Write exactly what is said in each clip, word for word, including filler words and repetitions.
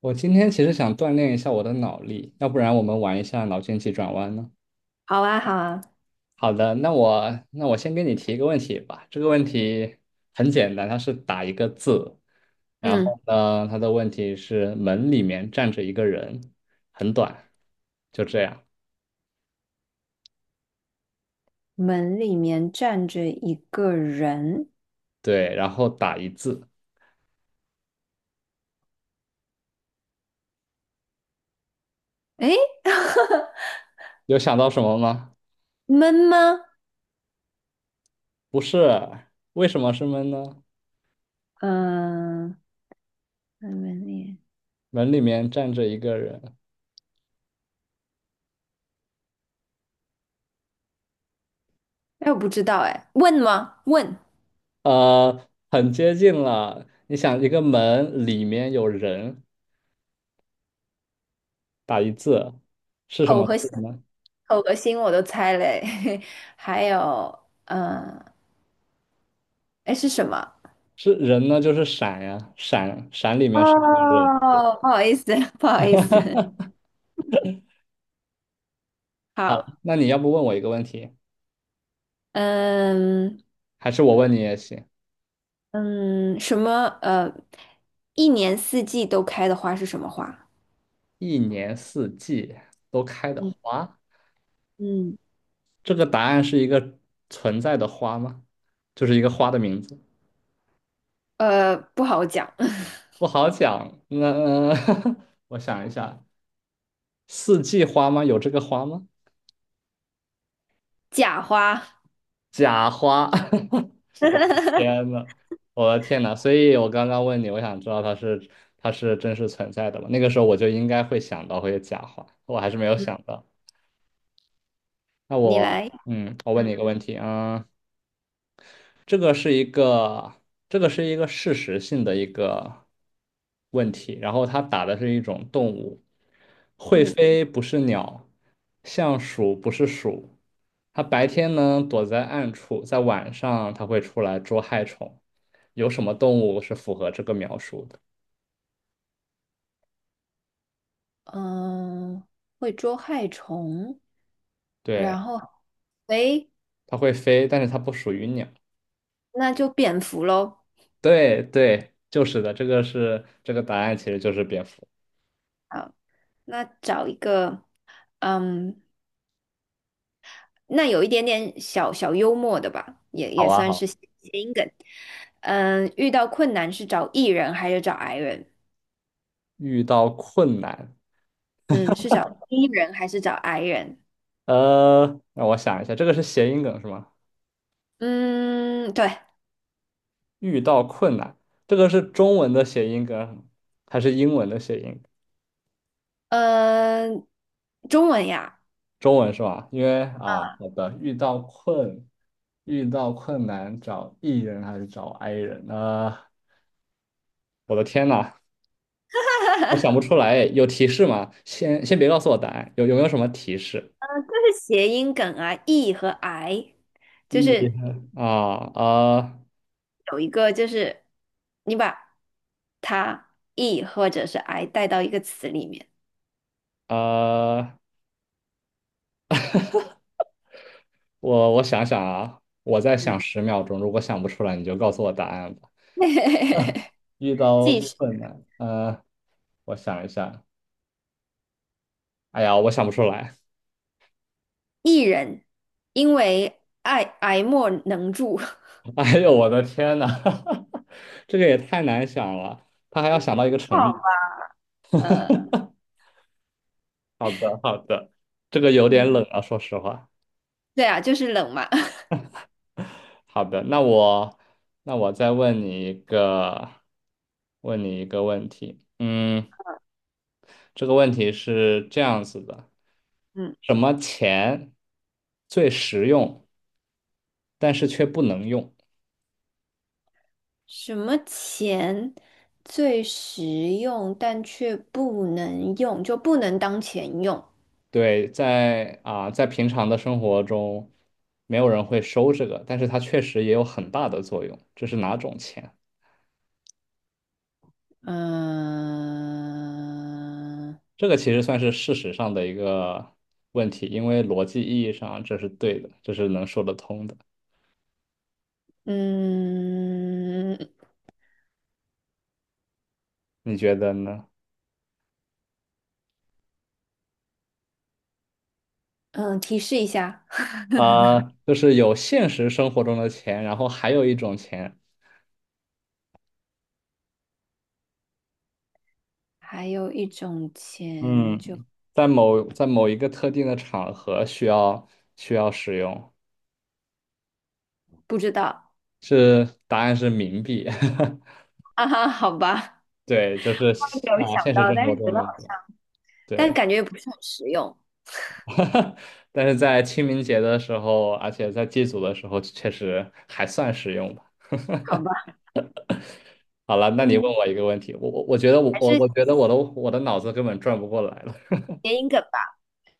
我今天其实想锻炼一下我的脑力，要不然我们玩一下脑筋急转弯呢？好啊，好啊。好的，那我那我先给你提一个问题吧。这个问题很简单，它是打一个字，然嗯，后呢，它的问题是门里面站着一个人，很短，就这样。门里面站着一个人，对，然后打一字，诶，有想到什么吗？闷吗？不是，为什么是门呢？嗯、门门里，门里面站着一个人，哎，我不知道，哎，问吗？问，呃，很接近了。你想，一个门里面有人。是什口么？字和心，呢？口和心我都猜嘞，还有，嗯、哎，是什么？是人呢？就是闪呀，闪闪里面是一个人。哦，不好意思，不好意思，好，那你要不问我一个问题，嗯还是我问你也行？嗯，什么？呃，一年四季都开的花是什么花？一年四季都开的嗯花，嗯，这个答案是一个存在的花吗？就是一个花的名字，呃，不好讲。不好讲。那 我想一下，四季花吗？有这个花吗？假花，假花。天呐，我的天呐！所以我刚刚问你，我想知道它是它是真实存在的吗？那个时候我就应该会想到会有假话，我还是没有嗯想到。那你来。我嗯，我问你嗯，一个问题啊，嗯，这个是一个，这个是一个事实性的一个问题。然后它打的是一种动物，会嗯飞不是鸟，像鼠不是鼠。它白天呢躲在暗处，在晚上它会出来捉害虫。有什么动物是符合这个描述的？嗯，呃会捉害虫，对，然后，诶，它会飞，但是它不属于鸟。那就蝙蝠喽。对对，就是的，这个是这个答案，其实就是蝙蝠。好，那找一个，嗯，那有一点点小小幽默的吧，也好也啊，算好。是谐音梗。嗯，遇到困难是找 E 人还是找 I 人？遇到困难。嗯，是找 E 人还是找 I 人？呃，让我想一下，这个是谐音梗是吗？嗯，对，遇到困难，这个是中文的谐音梗还是英文的谐音梗？嗯，中文呀。中文是吧？因为啊，好的，遇到困，遇到困难找 E 人还是找 I 人呢？我的天呐，我想不出来，有提示吗？先先别告诉我答案，有有没有什么提示这是谐音梗啊，e 和 i，就？E 是啊呃，有一个就是你把它 e 或者是 i 带到一个词里面，呃，我我想想啊，我再想十秒钟，如果想不出来，你就告诉我答案吧。遇 到即是困难，呃，我想一下，哎呀，我想不出来。艺人，因为爱爱莫能助。哎呦，我的天呐，这个也太难想了，他还要想到一个哦，成语。呃，好的，好的，这个有点嗯冷啊，说实话。对啊，就是冷嘛。好的，那我那我再问你一个，问你一个问题。嗯，这个问题是这样子的：嗯，什么钱最实用，但是却不能用？什么钱最实用但却不能用，就不能当钱用？对，在啊，在平常的生活中，没有人会收这个，但是它确实也有很大的作用。这是哪种钱？嗯、这个其实算是事实上的一个问题，因为逻辑意义上这是对的，这是能说得通的。嗯你觉得呢？嗯，提示一下，啊，就是有现实生活中的钱，然后还有一种钱，还有一种钱就嗯，在某在某一个特定的场合需要需要使用，不知道是答案是冥币。啊哈，好吧，对，就是有啊，想现实到，生但活是觉中得用好不像，了。但对，感觉也不是很实用，但是在清明节的时候，而且在祭祖的时候，确实还算实用吧。好吧，好了，那你问嗯，我一个问题，我我我觉得我还我是我觉得我的我的脑子根本转不过来了。谐音梗吧。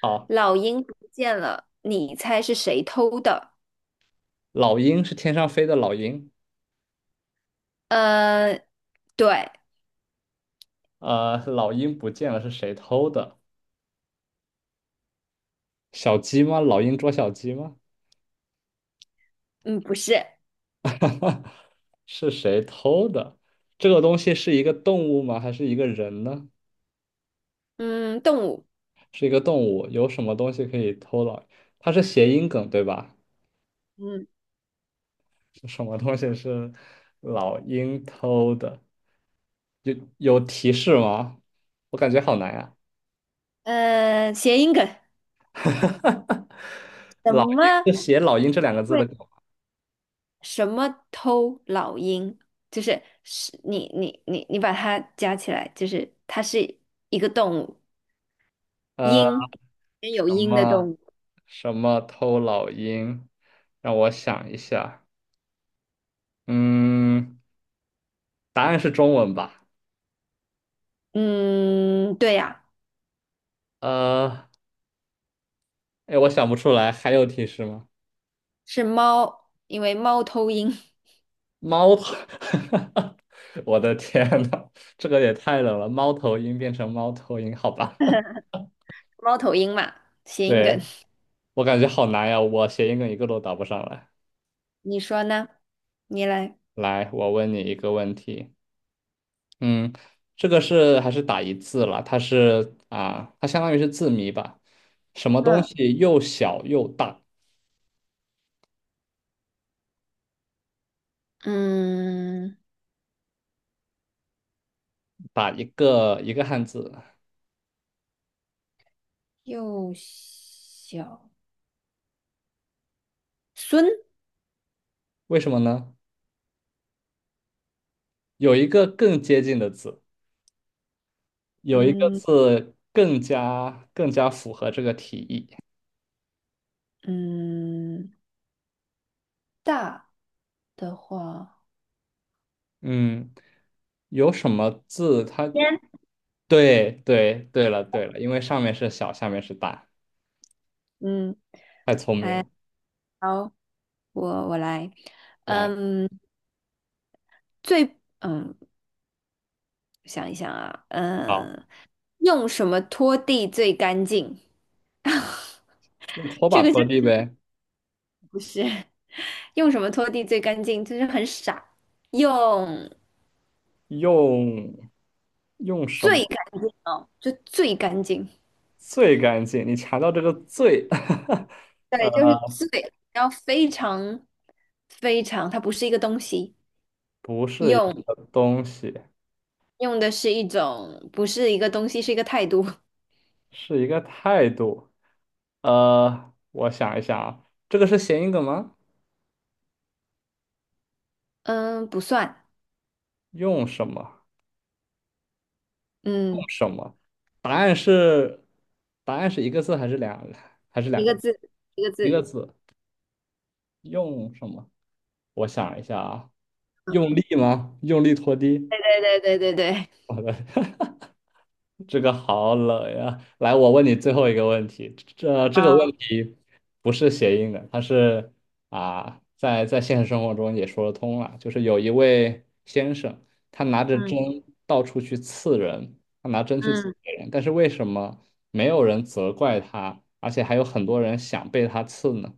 好，老鹰不见了，你猜是谁偷的？老鹰是天上飞的老鹰，呃，对，呃，老鹰不见了是谁偷的？小鸡吗？老鹰捉小鸡吗？嗯，不是，是谁偷的？这个东西是一个动物吗？还是一个人呢？嗯，动物，是一个动物，有什么东西可以偷老？它是谐音梗，对吧？嗯，是什么东西是老鹰偷的？有有提示吗？我感觉好难呀、呃，谐音梗，什老鹰么？是写“老鹰”这两个字会？的梗吗？什么偷老鹰，就是是你你你你把它加起来，就是它是一个动物，呃，鹰，也有什鹰的动么物。什么偷老鹰？让我想一下，嗯，答案是中文吧？嗯，对呀，呃，哎，我想不出来，还有提示吗？是猫，因为猫头鹰，猫头，我的天呐，这个也太冷了！猫头鹰变成猫头鹰，好吧？猫头鹰嘛，谐音梗。对，我感觉好难呀，我谐音梗一个都答不上来。你说呢？你来。来，我问你一个问题，嗯，这个是还是打一字了？它是啊，它相当于是字谜吧？什么东嗯西又小又大？嗯，打一个一个汉字，幼小孙，为什么呢？有一个更接近的字，有一个嗯字更加更加符合这个题意。嗯，大的话，嗯，有什么字它？天，对对对了对了，因为上面是小，下面是大，嗯，太聪明了。好。我我来，来，嗯，最嗯，想一想啊，好，嗯，用什么拖地最干净？用拖这把个就拖地呗。不是 用什么拖地最干净，就是很傻。用用用什最么干净哦，就最干净，最干净？你查到这个最，对，呃，就是最，然后非常非常，它不是一个东西，不是一用个东西，用的是一种，不是一个东西，是一个态度。是一个态度。呃，我想一想啊，这个是谐音梗吗？嗯，不算，用什么？用嗯，什么？答案是，答案是一个字还是两，还是两一个个？字，一个一字，个字。用什么？我想一下啊，用力吗？用力拖地？对对对对对对。我的，这个好冷呀！来，我问你最后一个问题，这这个问 题不是谐音的，它是啊，在在现实生活中也说得通了，就是有一位先生，他拿着嗯针到处去刺人，他拿针去刺嗯，别人，但是为什么没有人责怪他，而且还有很多人想被他刺呢？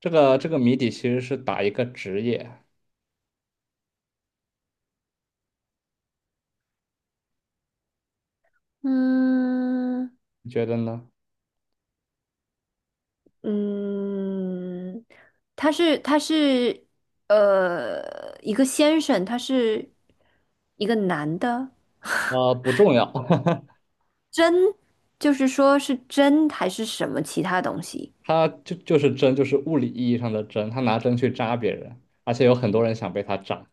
这个这个谜底其实是打一个职业。嗯你觉得呢？嗯，他是他是呃一个先生，他是一个男的，啊、不重要。真就是说是真还是什么其他东西？他就就是针，就是物理意义上的针，他拿针去扎别人，而且有很多人想被他扎。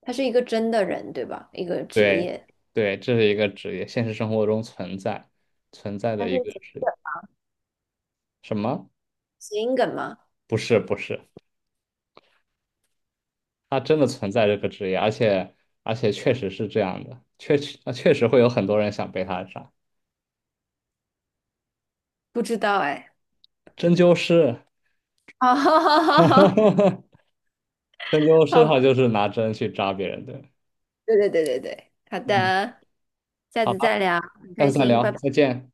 他是一个真的人，对吧？一个职对，业，对，这是一个职业，现实生活中存在存在他的是一个职业。什么？谐音梗吗？不是，不是，他真的存在这个职业，而且而且确实是这样的，确实啊，确实会有很多人想被他扎。不知道哎。针灸师，好，哈哈好，针灸师好，他就是拿针去扎别人的。对对对对对，好嗯，的，下好次吧，再聊，很下开次再心，拜聊，拜。再见。